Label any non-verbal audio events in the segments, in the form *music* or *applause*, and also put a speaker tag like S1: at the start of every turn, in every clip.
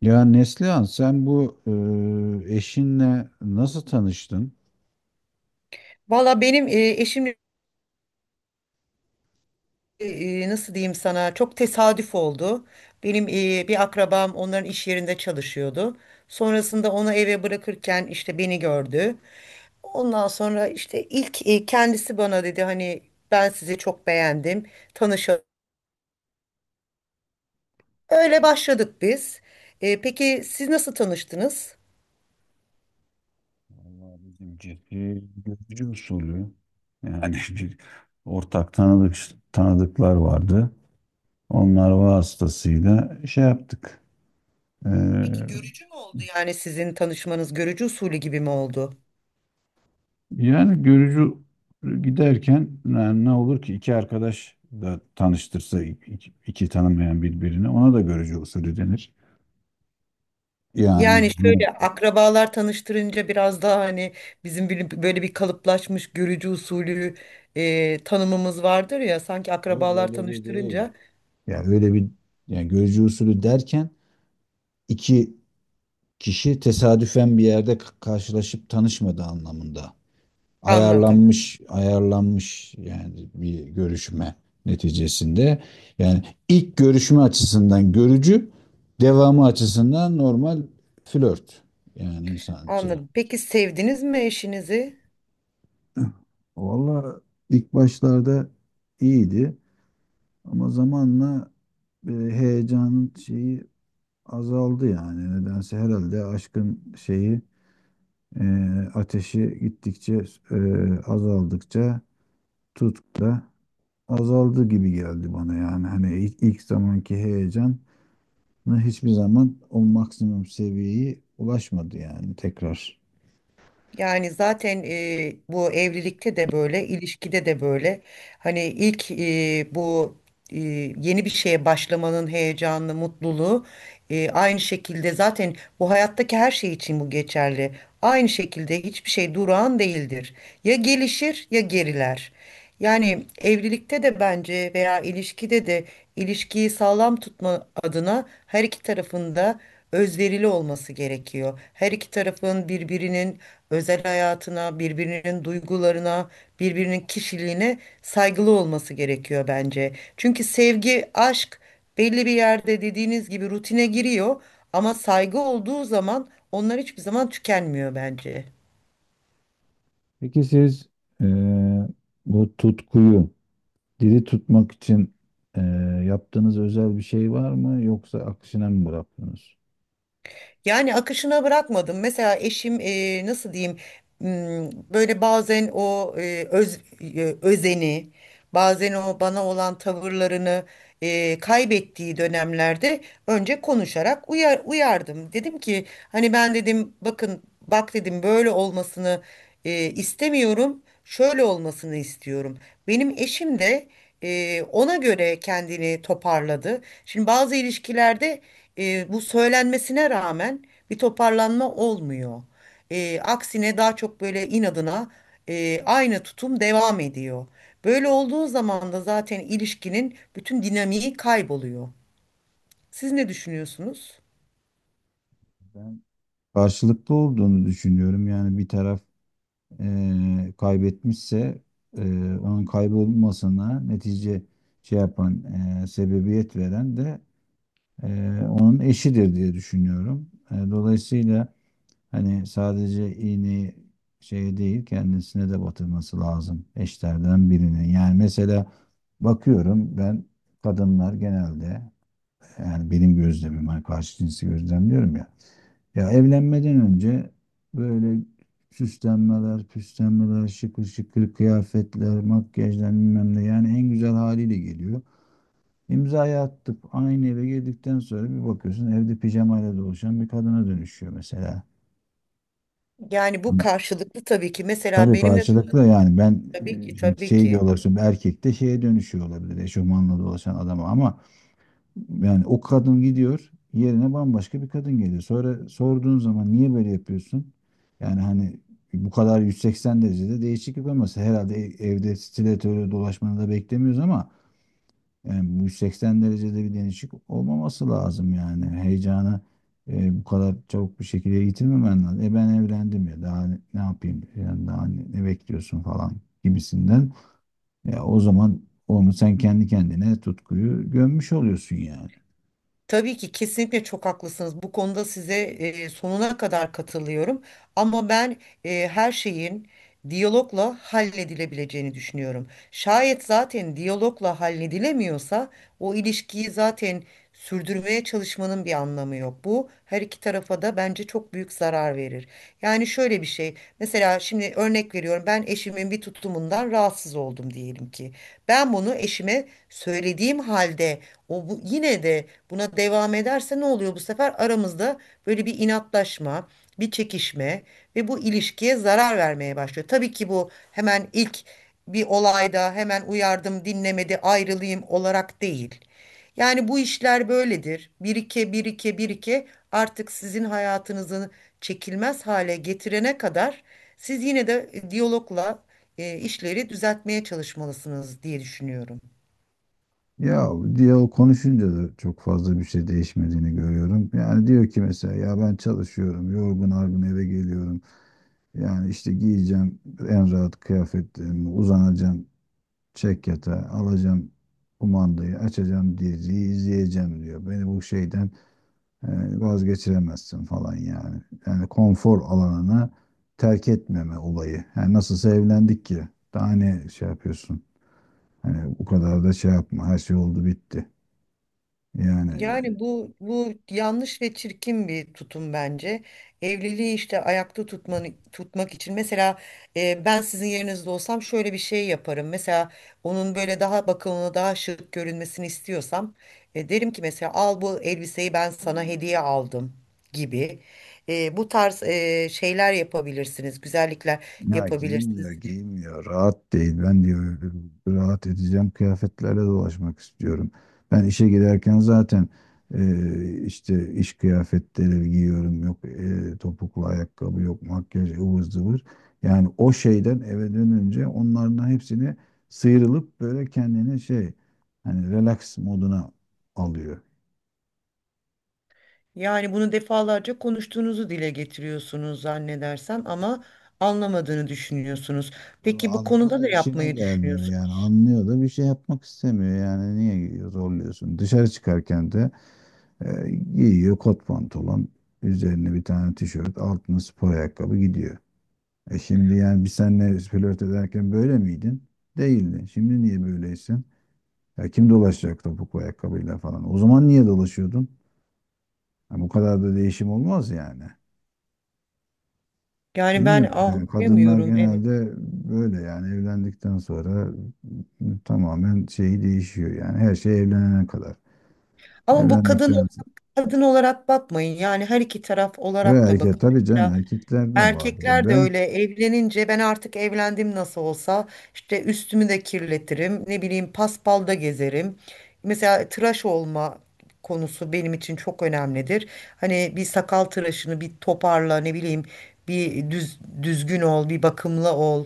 S1: Ya Neslihan sen bu eşinle nasıl tanıştın?
S2: Valla benim eşim nasıl diyeyim sana çok tesadüf oldu. Benim bir akrabam onların iş yerinde çalışıyordu. Sonrasında onu eve bırakırken işte beni gördü. Ondan sonra işte ilk kendisi bana dedi hani ben sizi çok beğendim. Tanışalım. Öyle başladık biz. Peki siz nasıl tanıştınız?
S1: Vallahi bizimki gözcü usulü. Yani *laughs* bir ortak tanıdık tanıdıklar vardı. Onlar vasıtasıyla şey yaptık. E,
S2: Peki görücü mü oldu, yani sizin tanışmanız görücü usulü gibi mi oldu?
S1: Yani görücü giderken ne olur ki iki arkadaş da tanıştırsa iki tanımayan birbirini, ona da görücü usulü denir.
S2: Yani
S1: Yani
S2: şöyle akrabalar tanıştırınca biraz daha hani bizim böyle bir kalıplaşmış görücü usulü tanımımız vardır ya, sanki
S1: yok,
S2: akrabalar
S1: öyle bir değil.
S2: tanıştırınca
S1: Yani öyle bir yani görücü usulü derken iki kişi tesadüfen bir yerde karşılaşıp tanışmadığı anlamında.
S2: anladım.
S1: Ayarlanmış yani bir görüşme neticesinde. Yani ilk görüşme açısından görücü, devamı açısından normal flört. Yani insan şey.
S2: Anladım. Peki sevdiniz mi eşinizi?
S1: Valla ilk başlarda iyiydi ama zamanla heyecanın şeyi azaldı yani. Nedense herhalde aşkın şeyi e, ateşi gittikçe e, azaldıkça tutku da azaldı gibi geldi bana yani. Hani ilk zamanki heyecanı hiçbir zaman o maksimum seviyeye ulaşmadı yani tekrar.
S2: Yani zaten bu evlilikte de böyle, ilişkide de böyle. Hani ilk bu e, yeni bir şeye başlamanın heyecanı, mutluluğu, aynı şekilde zaten bu hayattaki her şey için bu geçerli. Aynı şekilde hiçbir şey durağan değildir. Ya gelişir ya geriler. Yani evlilikte de bence veya ilişkide de ilişkiyi sağlam tutma adına her iki tarafında özverili olması gerekiyor. Her iki tarafın birbirinin özel hayatına, birbirinin duygularına, birbirinin kişiliğine saygılı olması gerekiyor bence. Çünkü sevgi, aşk belli bir yerde dediğiniz gibi rutine giriyor, ama saygı olduğu zaman onlar hiçbir zaman tükenmiyor bence.
S1: Peki siz e, bu tutkuyu diri tutmak için e, yaptığınız özel bir şey var mı yoksa akışına mı bıraktınız?
S2: Yani akışına bırakmadım. Mesela eşim, nasıl diyeyim, böyle bazen o özeni, bazen o bana olan tavırlarını kaybettiği dönemlerde önce konuşarak uyardım. Dedim ki hani, ben dedim bakın, bak dedim, böyle olmasını istemiyorum, şöyle olmasını istiyorum. Benim eşim de ona göre kendini toparladı. Şimdi bazı ilişkilerde bu söylenmesine rağmen bir toparlanma olmuyor. Aksine daha çok böyle inadına aynı tutum devam ediyor. Böyle olduğu zaman da zaten ilişkinin bütün dinamiği kayboluyor. Siz ne düşünüyorsunuz?
S1: Ben karşılıklı olduğunu düşünüyorum. Yani bir taraf kaybetmişse, e, onun kaybolmasına netice şey yapan, sebebiyet veren de onun eşidir diye düşünüyorum. E, dolayısıyla hani sadece iğneyi şey değil, kendisine de batırması lazım eşlerden birinin. Yani mesela bakıyorum ben, kadınlar genelde, yani benim gözlemim, hani karşı cinsi gözlemliyorum ya, ya evlenmeden önce böyle süslenmeler, püslenmeler, şıkır şıkır kıyafetler, makyajlar bilmem ne, yani en güzel haliyle geliyor. İmzayı attıp aynı eve girdikten sonra bir bakıyorsun evde pijamayla dolaşan bir kadına dönüşüyor mesela.
S2: Yani bu
S1: Hani
S2: karşılıklı tabii ki. Mesela
S1: tabii
S2: benim de
S1: karşılıklı yani ben
S2: tabii ki,
S1: hani
S2: tabii
S1: şey
S2: ki.
S1: olarak söylüyorum, erkek de şeye dönüşüyor olabilir eşofmanla dolaşan adama ama yani o kadın gidiyor, yerine bambaşka bir kadın geliyor. Sonra sorduğun zaman niye böyle yapıyorsun? Yani hani bu kadar 180 derecede değişiklik olması, herhalde evde stiletörle dolaşmanı da beklemiyoruz ama yani bu 180 derecede bir değişik olmaması lazım yani. Heyecanı bu kadar çabuk bir şekilde yitirmemen lazım. E ben evlendim ya, daha ne yapayım? Yani daha ne bekliyorsun falan gibisinden. Ya o zaman onu sen kendi kendine tutkuyu gömmüş oluyorsun yani.
S2: Tabii ki, kesinlikle çok haklısınız. Bu konuda size sonuna kadar katılıyorum. Ama ben her şeyin diyalogla halledilebileceğini düşünüyorum. Şayet zaten diyalogla halledilemiyorsa, o ilişkiyi zaten sürdürmeye çalışmanın bir anlamı yok. Bu her iki tarafa da bence çok büyük zarar verir. Yani şöyle bir şey. Mesela şimdi örnek veriyorum. Ben eşimin bir tutumundan rahatsız oldum diyelim ki. Ben bunu eşime söylediğim halde o yine de buna devam ederse ne oluyor bu sefer? Aramızda böyle bir inatlaşma, bir çekişme ve bu ilişkiye zarar vermeye başlıyor. Tabii ki bu hemen ilk bir olayda hemen uyardım, dinlemedi, ayrılayım olarak değil. Yani bu işler böyledir. Birike birike birike artık sizin hayatınızı çekilmez hale getirene kadar siz yine de diyalogla işleri düzeltmeye çalışmalısınız diye düşünüyorum.
S1: Ya diyalog konuşunca da çok fazla bir şey değişmediğini görüyorum. Yani diyor ki mesela ya ben çalışıyorum, yorgun argın eve geliyorum. Yani işte giyeceğim en rahat kıyafetlerimi, uzanacağım, çek yatağa, alacağım kumandayı, açacağım diziyi, izleyeceğim diyor. Beni bu şeyden yani vazgeçiremezsin falan yani. Yani konfor alanını terk etmeme olayı. Yani nasılsa evlendik ki. Daha ne şey yapıyorsun? Hani bu kadar da şey yapma. Her şey oldu bitti. Yani
S2: Yani bu yanlış ve çirkin bir tutum bence. Evliliği işte tutmak için mesela ben sizin yerinizde olsam şöyle bir şey yaparım. Mesela onun böyle daha bakımlı, daha şık görünmesini istiyorsam derim ki mesela, al bu elbiseyi ben sana hediye aldım gibi. Bu tarz şeyler yapabilirsiniz, güzellikler
S1: ya
S2: yapabilirsiniz.
S1: giyinmiyor. Rahat değil. Ben diyor rahat edeceğim kıyafetlerle dolaşmak istiyorum. Ben işe giderken zaten işte iş kıyafetleri giyiyorum. Yok e, topuklu ayakkabı, yok makyaj, ıvır zıvır. Yani o şeyden eve dönünce onların hepsini sıyrılıp böyle kendini şey, hani relax moduna alıyor.
S2: Yani bunu defalarca konuştuğunuzu dile getiriyorsunuz zannedersem, ama anlamadığını düşünüyorsunuz.
S1: Yo,
S2: Peki bu
S1: anlıyor
S2: konuda
S1: da
S2: ne
S1: işine
S2: yapmayı
S1: gelmiyor, yani
S2: düşünüyorsunuz?
S1: anlıyor da bir şey yapmak istemiyor yani, niye zorluyorsun? Dışarı çıkarken de Ee, giyiyor kot pantolon, üzerine bir tane tişört, altına spor ayakkabı gidiyor. E şimdi yani biz seninle flört ederken böyle miydin? Değildin. Şimdi niye böyleysin? Ya kim dolaşacak topuklu ayakkabıyla falan? O zaman niye dolaşıyordun? Ha, bu kadar da değişim olmaz yani.
S2: Yani ben
S1: Bilmiyorum. Kadınlar
S2: anlayamıyorum, evet.
S1: genelde böyle, yani evlendikten sonra tamamen şeyi değişiyor, yani her şey evlenene kadar.
S2: Ama bu kadın
S1: Evlendikten sonra.
S2: kadın olarak bakmayın. Yani her iki taraf
S1: Yo,
S2: olarak da
S1: erkek
S2: bakın.
S1: tabii canım,
S2: Mesela
S1: erkeklerde vardı. Yani
S2: erkekler de
S1: ben
S2: öyle evlenince, ben artık evlendim nasıl olsa, işte üstümü de kirletirim, ne bileyim paspalda gezerim. Mesela tıraş olma konusu benim için çok önemlidir. Hani bir sakal tıraşını bir toparla, ne bileyim bir düzgün ol, bir bakımlı ol.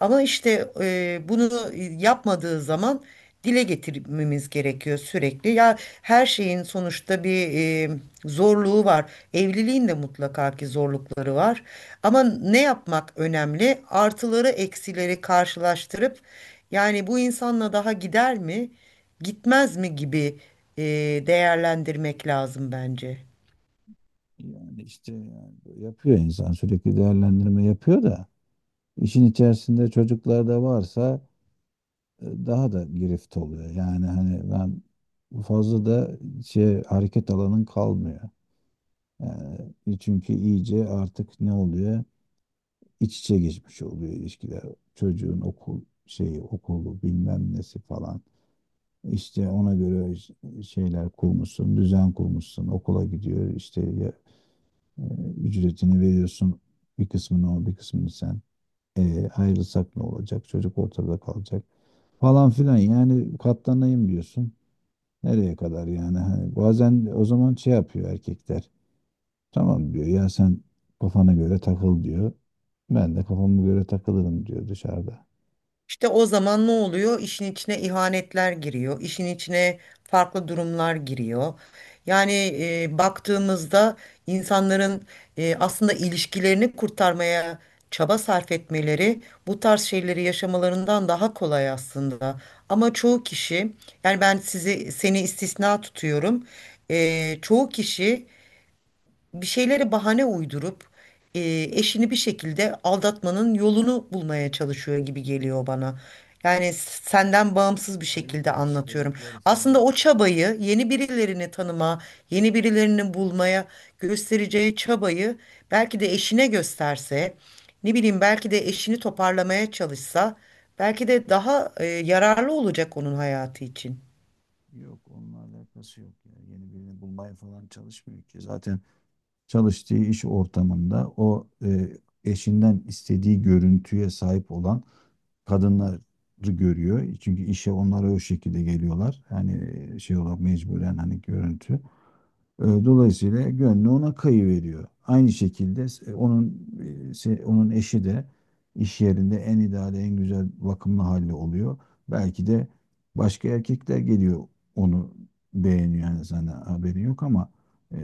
S2: Ama işte bunu yapmadığı zaman dile getirmemiz gerekiyor sürekli. Ya her şeyin sonuçta bir e, zorluğu var. Evliliğin de mutlaka ki zorlukları var. Ama ne yapmak önemli? Artıları eksileri karşılaştırıp yani bu insanla daha gider mi, gitmez mi gibi e, değerlendirmek lazım bence.
S1: yani işte yani böyle yapıyor insan, sürekli değerlendirme yapıyor da işin içerisinde çocuklar da varsa daha da girift oluyor. Yani hani ben fazla da şey hareket alanın kalmıyor. Yani çünkü iyice artık ne oluyor? İç içe geçmiş oluyor ilişkiler. Çocuğun okul şeyi, okulu, bilmem nesi falan. İşte ona göre şeyler kurmuşsun, düzen kurmuşsun, okula gidiyor, işte E, ücretini veriyorsun. Bir kısmını o, bir kısmını sen. E, ayrılsak ne olacak? Çocuk ortada kalacak falan filan. Yani katlanayım diyorsun. Nereye kadar yani? Hani bazen o zaman şey yapıyor erkekler. Tamam diyor, ya sen kafana göre takıl diyor. Ben de kafama göre takılırım diyor dışarıda.
S2: İşte o zaman ne oluyor? İşin içine ihanetler giriyor, işin içine farklı durumlar giriyor. Yani baktığımızda insanların aslında ilişkilerini kurtarmaya çaba sarf etmeleri bu tarz şeyleri yaşamalarından daha kolay aslında. Ama çoğu kişi, yani ben seni istisna tutuyorum. Çoğu kişi bir şeylere bahane uydurup e, eşini bir şekilde aldatmanın yolunu bulmaya çalışıyor gibi geliyor bana. Yani senden
S1: Yok
S2: bağımsız bir
S1: ya, yok
S2: şekilde
S1: bu
S2: anlatıyorum.
S1: psikologlar falan.
S2: Aslında o çabayı yeni birilerini tanıma, yeni birilerini bulmaya göstereceği çabayı belki de eşine gösterse, ne bileyim belki de eşini toparlamaya çalışsa, belki de daha yararlı olacak onun hayatı için.
S1: Yok, onunla alakası yok ya. Yeni birini bulmaya falan çalışmıyor ki. Zaten çalıştığı iş ortamında o eşinden istediği görüntüye sahip olan kadınları görüyor. Çünkü işe onlar o şekilde geliyorlar. Yani şey olarak mecburen hani görüntü. E, dolayısıyla gönlü ona kayıveriyor. Aynı şekilde onun onun eşi de iş yerinde en ideal, en güzel bakımlı hali oluyor. Belki de başka erkekler geliyor, onu beğeniyor yani, sana haberin yok ama e,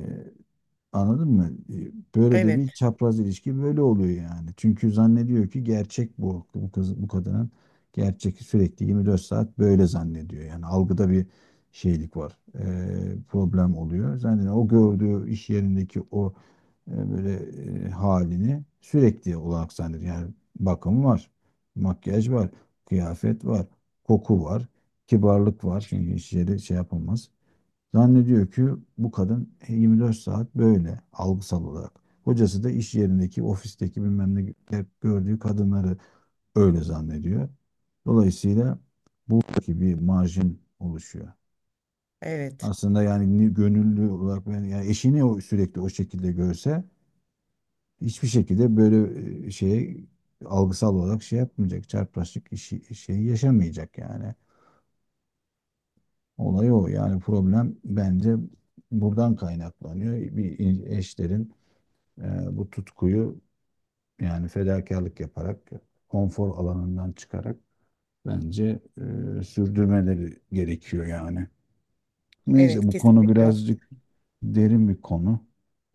S1: anladın mı? E, böyle de bir
S2: Evet,
S1: çapraz ilişki böyle oluyor yani. Çünkü zannediyor ki gerçek bu. Bu kız, bu kadının gerçek sürekli 24 saat böyle zannediyor. Yani algıda bir şeylik var. E, problem oluyor. Zannediyor o gördüğü iş yerindeki o böyle halini sürekli olarak zannediyor. Yani bakım var, makyaj var, kıyafet var, koku var, kibarlık var. Çünkü iş yeri şey yapılmaz. Zannediyor ki bu kadın 24 saat böyle algısal olarak. Hocası da iş yerindeki, ofisteki bilmem ne, hep gördüğü kadınları öyle zannediyor. Dolayısıyla buradaki bir marjin oluşuyor.
S2: evet,
S1: Aslında yani gönüllü olarak ben, yani eşini o sürekli o şekilde görse hiçbir şekilde böyle şeye algısal olarak şey yapmayacak. Çarpılaşık işi, şeyi yaşamayacak yani. Olay o. Yani problem bence buradan kaynaklanıyor. Bir eşlerin E, bu tutkuyu yani fedakarlık yaparak, konfor alanından çıkarak bence sürdürmeleri gerekiyor yani. Neyse
S2: evet
S1: bu konu
S2: kesinlikle. Haklı.
S1: birazcık derin bir konu.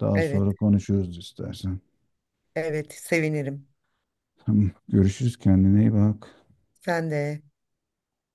S1: Daha
S2: Evet,
S1: sonra konuşuruz istersen.
S2: evet sevinirim.
S1: *laughs* Tamam, görüşürüz, kendine iyi bak.
S2: Sen de.